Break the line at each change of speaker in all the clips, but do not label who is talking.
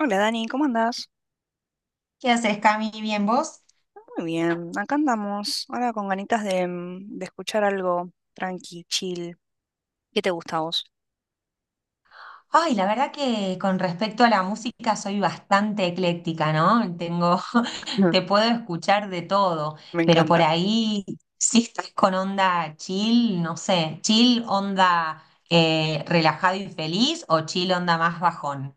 Hola Dani, ¿cómo andás?
¿Qué haces, Cami? ¿Bien vos?
Muy bien, acá andamos, ahora con ganitas de escuchar algo tranqui, chill. ¿Qué te gusta a vos?
Ay, la verdad que con respecto a la música soy bastante ecléctica, ¿no? Tengo,
Ujú.
te puedo escuchar de todo,
Me
pero por
encanta.
ahí si estás con onda chill, no sé, chill onda relajado y feliz o chill onda más bajón.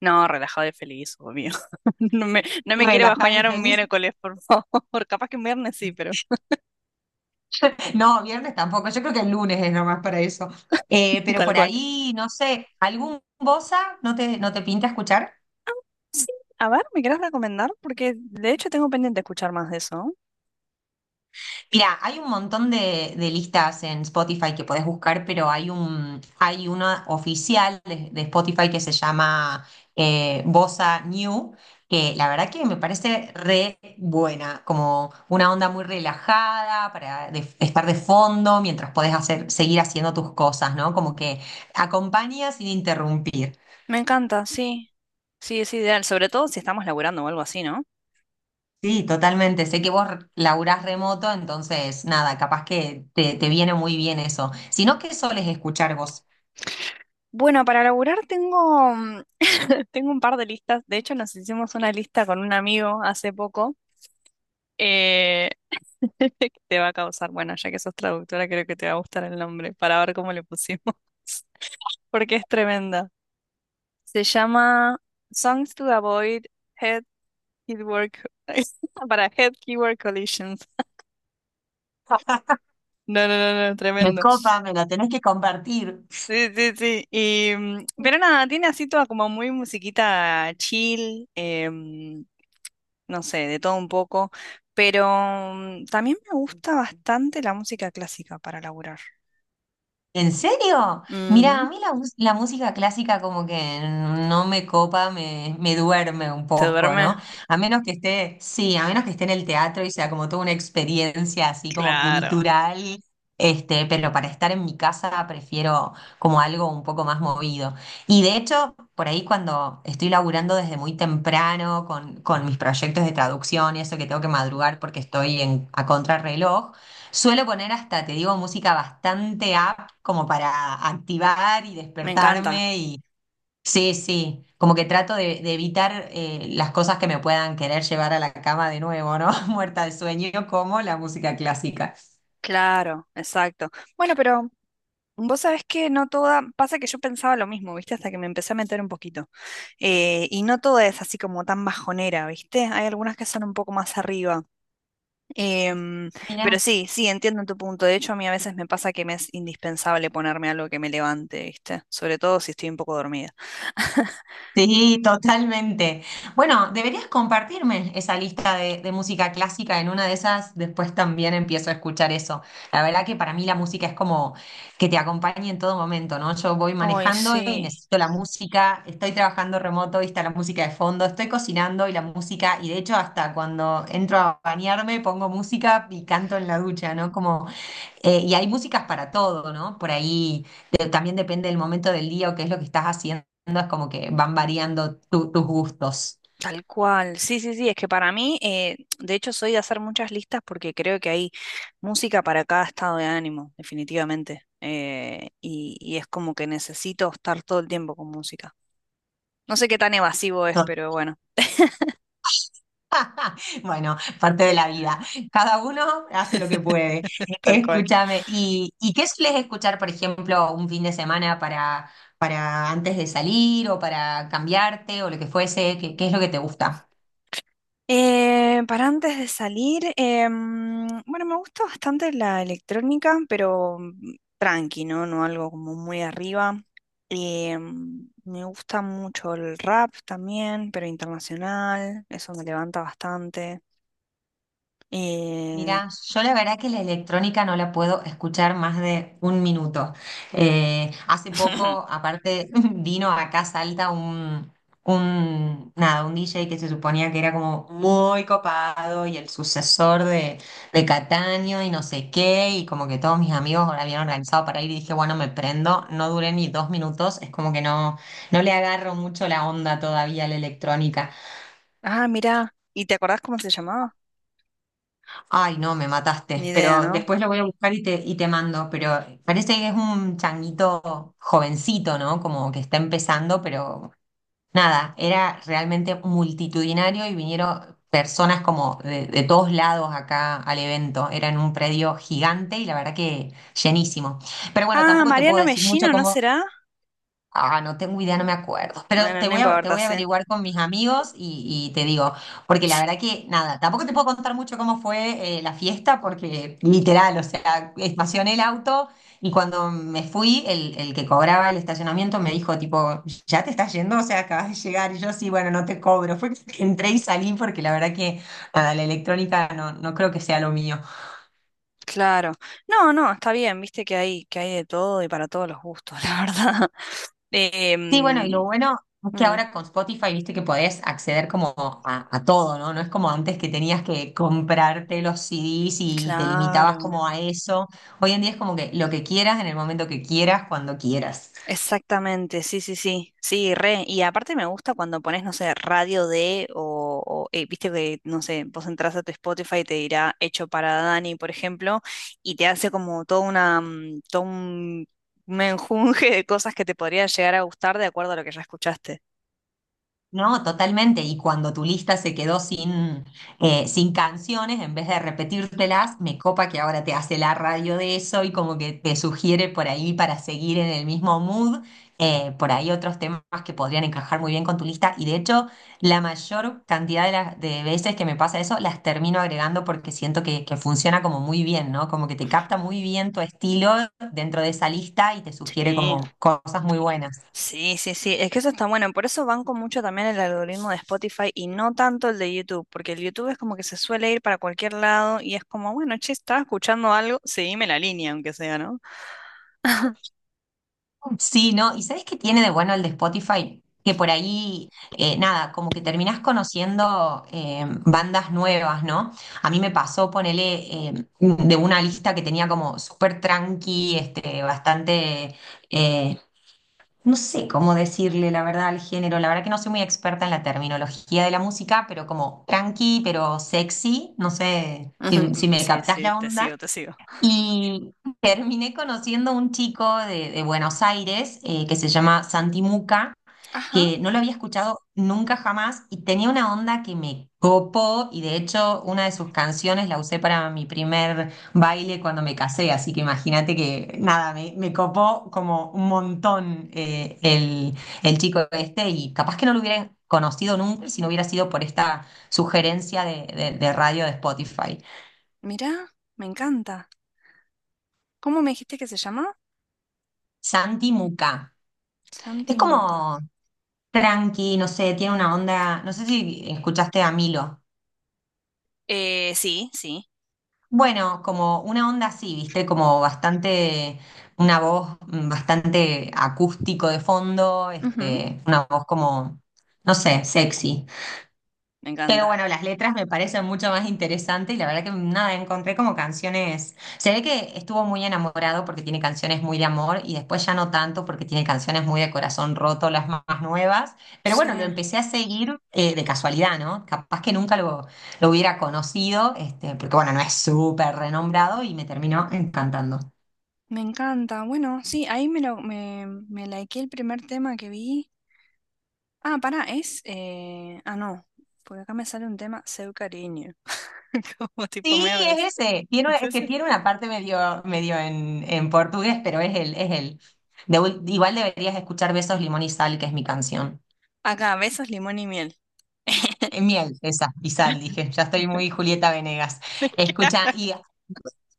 No, relajado y feliz, obvio. No me quiere
Relajado y
bajoñar un
feliz.
miércoles, por favor. Capaz que un viernes sí, pero
No, viernes tampoco, yo creo que el lunes es nomás para eso. Pero
tal
por
cual.
ahí, no sé, ¿algún bossa no te pinta escuchar?
Sí, a ver, ¿me querés recomendar? Porque de hecho tengo pendiente escuchar más de eso.
Mira, hay un montón de listas en Spotify que podés buscar, pero hay hay una oficial de Spotify que se llama Bossa New, que la verdad que me parece re buena, como una onda muy relajada para estar de fondo mientras podés hacer, seguir haciendo tus cosas, ¿no? Como que acompaña sin interrumpir.
Me encanta, sí. Sí, es ideal, sobre todo si estamos laburando o algo así, ¿no?
Sí, totalmente. Sé que vos laburás remoto, entonces nada, capaz te viene muy bien eso. Si no, ¿qué soles escuchar vos?
Bueno, para laburar tengo un par de listas. De hecho, nos hicimos una lista con un amigo hace poco. eh, que te va a causar, bueno, ya que sos traductora, creo que te va a gustar el nombre para ver cómo le pusimos, porque es tremenda. Se llama Songs to Avoid Head Keyword Co- para Head Keyword Collisions. No, no, no, no,
Me
tremendo.
copa, me lo tenés que compartir.
Sí, sí, sí. Pero nada, tiene así toda como muy musiquita chill. No sé, de todo un poco, pero también me gusta bastante la música clásica para laburar.
¿En serio? Mira, a
Ujú.
mí la música clásica como que no me copa, me duerme un
¿Te
poco, ¿no?
duerme?
A menos que esté, sí, a menos que esté en el teatro y sea como toda una experiencia así como
Claro,
cultural, este, pero para estar en mi casa prefiero como algo un poco más movido. Y de hecho, por ahí cuando estoy laburando desde muy temprano con mis proyectos de traducción y eso que tengo que madrugar porque estoy en, a contrarreloj, suelo poner hasta, te digo, música bastante up como para activar y
me encanta,
despertarme y sí, sí, como que trato de evitar las cosas que me puedan querer llevar a la cama de nuevo, ¿no? Muerta de sueño como la música clásica.
claro, exacto. Bueno, pero vos sabés que no toda, pasa que yo pensaba lo mismo, ¿viste? Hasta que me empecé a meter un poquito. Y no toda es así como tan bajonera, ¿viste? Hay algunas que son un poco más arriba. Em,
Mirá.
pero sí, sí, entiendo tu punto. De hecho, a mí a veces me pasa que me es indispensable ponerme algo que me levante, ¿viste? Sobre todo si estoy un poco dormida.
Sí, totalmente. Bueno, deberías compartirme esa lista de música clásica en una de esas, después también empiezo a escuchar eso. La verdad que para mí la música es como que te acompañe en todo momento, ¿no? Yo voy
Ay,
manejando y
sí,
necesito la música, estoy trabajando remoto y está la música de fondo, estoy cocinando y la música, y de hecho hasta cuando entro a bañarme pongo música y canto en la ducha, ¿no? Como y hay músicas para todo, ¿no? Por ahí también depende del momento del día o qué es lo que estás haciendo, es como que van variando tus gustos.
tal cual. Sí, sí, sí, es que para mí, de hecho, soy de hacer muchas listas porque creo que hay música para cada estado de ánimo, definitivamente. Y es como que necesito estar todo el tiempo con música. No sé qué tan evasivo es, pero bueno,
Bueno, parte de la vida. Cada uno hace lo que puede.
tal cual.
Escúchame. ¿ y qué sueles escuchar, por ejemplo, un fin de semana para antes de salir o para cambiarte o lo que fuese? ¿ qué es lo que te gusta?
Para antes de salir, bueno, me gusta bastante la electrónica, pero tranqui, ¿no? No algo como muy arriba. Me gusta mucho el rap también, pero internacional, eso me levanta bastante. Eh,
Mirá, yo la verdad que la electrónica no la puedo escuchar más de un minuto. Hace poco, aparte, vino acá a Salta un, nada, un DJ que se suponía que era como muy copado y el sucesor de Cataño y no sé qué, y como que todos mis amigos ahora habían organizado para ir y dije, bueno, me prendo, no duré ni dos minutos, es como que no, no le agarro mucho la onda todavía a la electrónica.
ah, mirá, ¿y te acordás cómo se llamaba?
Ay, no, me
Ni
mataste,
idea,
pero
¿no?
después lo voy a buscar y y te mando, pero parece que es un changuito jovencito, ¿no? Como que está empezando, pero nada, era realmente multitudinario y vinieron personas como de todos lados acá al evento, era en un predio gigante y la verdad que llenísimo. Pero bueno,
Ah,
tampoco te puedo
Mariano
decir mucho
Mellino, ¿no
cómo.
será?
Ah, no tengo idea, no me acuerdo. Pero
Bueno, no
te
importa,
voy a
sí.
averiguar con mis amigos y te digo, porque la verdad que nada, tampoco te puedo contar mucho cómo fue la fiesta, porque literal, o sea, estacioné el auto y cuando me fui, el que cobraba el estacionamiento me dijo, tipo, ¿ya te estás yendo? O sea, acabas de llegar. Y yo, sí, bueno, no te cobro. Fue que entré y salí porque la verdad que nada, la electrónica no, no creo que sea lo mío.
Claro. No, no, está bien, viste que hay de todo y para todos los gustos, la verdad.
Sí, bueno, y
Em,
lo bueno es que
mm,
ahora con Spotify, viste que podés acceder como a todo, ¿no? No es como antes que tenías que comprarte los CDs y te limitabas
claro,
como a eso. Hoy en día es como que lo que quieras en el momento que quieras, cuando quieras.
exactamente, sí, sí, sí, sí, re. Y aparte me gusta cuando pones, no sé, radio de, viste que, no sé, vos entras a tu Spotify y te dirá hecho para Dani, por ejemplo, y te hace como toda una, todo un menjunje de cosas que te podrían llegar a gustar de acuerdo a lo que ya escuchaste.
No, totalmente. Y cuando tu lista se quedó sin, sin canciones, en vez de repetírtelas, me copa que ahora te hace la radio de eso y como que te sugiere por ahí para seguir en el mismo mood, por ahí otros temas que podrían encajar muy bien con tu lista. Y de hecho, la mayor cantidad de veces que me pasa eso, las termino agregando porque siento que funciona como muy bien, ¿no? Como que te capta muy bien tu estilo dentro de esa lista y te sugiere
Sí.
como cosas muy buenas.
Sí, sí, sí, es que eso está bueno, por eso banco mucho también el algoritmo de Spotify y no tanto el de YouTube, porque el YouTube es como que se suele ir para cualquier lado y es como, bueno, che, estaba escuchando algo, seguime la línea, aunque sea, ¿no?
Mm, sí, ¿no? ¿Y sabes qué tiene de bueno el de Spotify? Que por ahí, nada, como que terminás conociendo bandas nuevas, ¿no? A mí me pasó, ponele, de una lista que tenía como súper tranqui, este, bastante, eh, no sé cómo decirle la verdad al género, la verdad que no soy muy experta en la terminología de la música, pero como tranqui, pero sexy, no sé
Ujú,
si me
sí,
captás
sí,
la
te
onda.
sigo, te sigo.
Y terminé conociendo a un chico de Buenos Aires que se llama Santi Muca,
Ajá,
que no lo había escuchado nunca jamás y tenía una onda que me copó y de hecho una de sus canciones la usé para mi primer baile cuando me casé, así que imagínate que nada, me copó como un montón el chico este y capaz que no lo hubiera conocido nunca si no hubiera sido por esta sugerencia de radio de Spotify.
mirá, me encanta. ¿Cómo me dijiste que se llama?
Santi Muca.
Santi
Es
Muca.
como tranqui, no sé, tiene una onda, no sé si escuchaste a Milo.
Sí, sí.
Bueno, como una onda así, viste, como bastante, una voz mm, bastante acústico de fondo,
Ujú,
este, una voz como, no sé, sexy.
me
Pero
encanta.
bueno, las letras me parecen mucho más interesantes y la verdad que nada, encontré como canciones. Se ve que estuvo muy enamorado porque tiene canciones muy de amor y después ya no tanto porque tiene canciones muy de corazón roto, las más más nuevas. Pero
Sí,
bueno, lo empecé a seguir de casualidad, ¿no? Capaz que nunca lo hubiera conocido, este, porque bueno, no es súper renombrado y me terminó encantando.
me encanta. Bueno, sí, ahí me me likeé el primer tema que vi. Ah, pará, es. Ah, no. Porque acá me sale un tema, Seu Cariño. Como tipo
Sí,
me abrazo.
es ese. Tiene,
¿Es
es que
ese?
tiene una parte medio, medio en portugués, pero es él, es él. Igual deberías escuchar Besos, Limón y Sal, que es mi canción.
Acá, besos, limón y miel.
Miel, esa, y sal, dije. Ya estoy muy Julieta Venegas.
¿Qué?
Escucha, y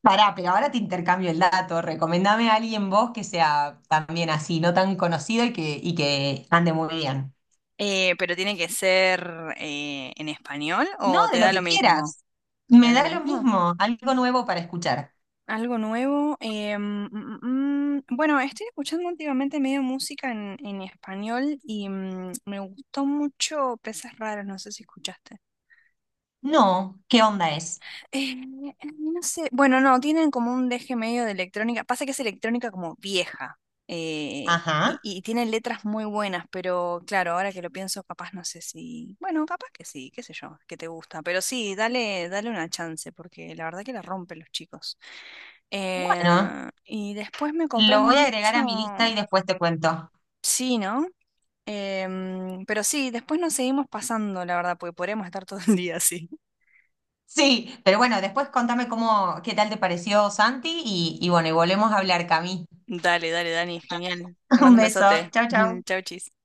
pará, pero ahora te intercambio el dato. Recomendame a alguien vos que sea también así, no tan conocido y que ande muy bien.
Pero tiene que ser en español
No,
o te
de lo
da lo
que
mismo.
quieras.
¿Te da
Me
lo
da lo
mismo?
mismo, algo nuevo para escuchar.
Algo nuevo. Bueno, estoy escuchando últimamente medio música en español y me gustó mucho Peces Raros, no sé si escuchaste.
No, ¿qué onda es?
No sé, bueno, no, tienen como un deje medio de electrónica. Pasa que es electrónica como vieja eh,
Ajá.
y tienen letras muy buenas, pero claro, ahora que lo pienso, capaz no sé si, bueno, capaz que sí, qué sé yo, que te gusta, pero sí, dale, dale una chance porque la verdad que la rompen los chicos.
Bueno.
Y después me copé
Lo voy a agregar
mucho,
a mi lista y después te cuento.
sí, ¿no? Pero sí, después nos seguimos pasando, la verdad, porque podríamos estar todo el día así.
Sí, pero bueno, después contame cómo, qué tal te pareció Santi y bueno, y volvemos a hablar, Cami.
Dale, dale, Dani, genial. Te
Un
mando un
beso.
besote.
Chau, chau.
Chau, chis.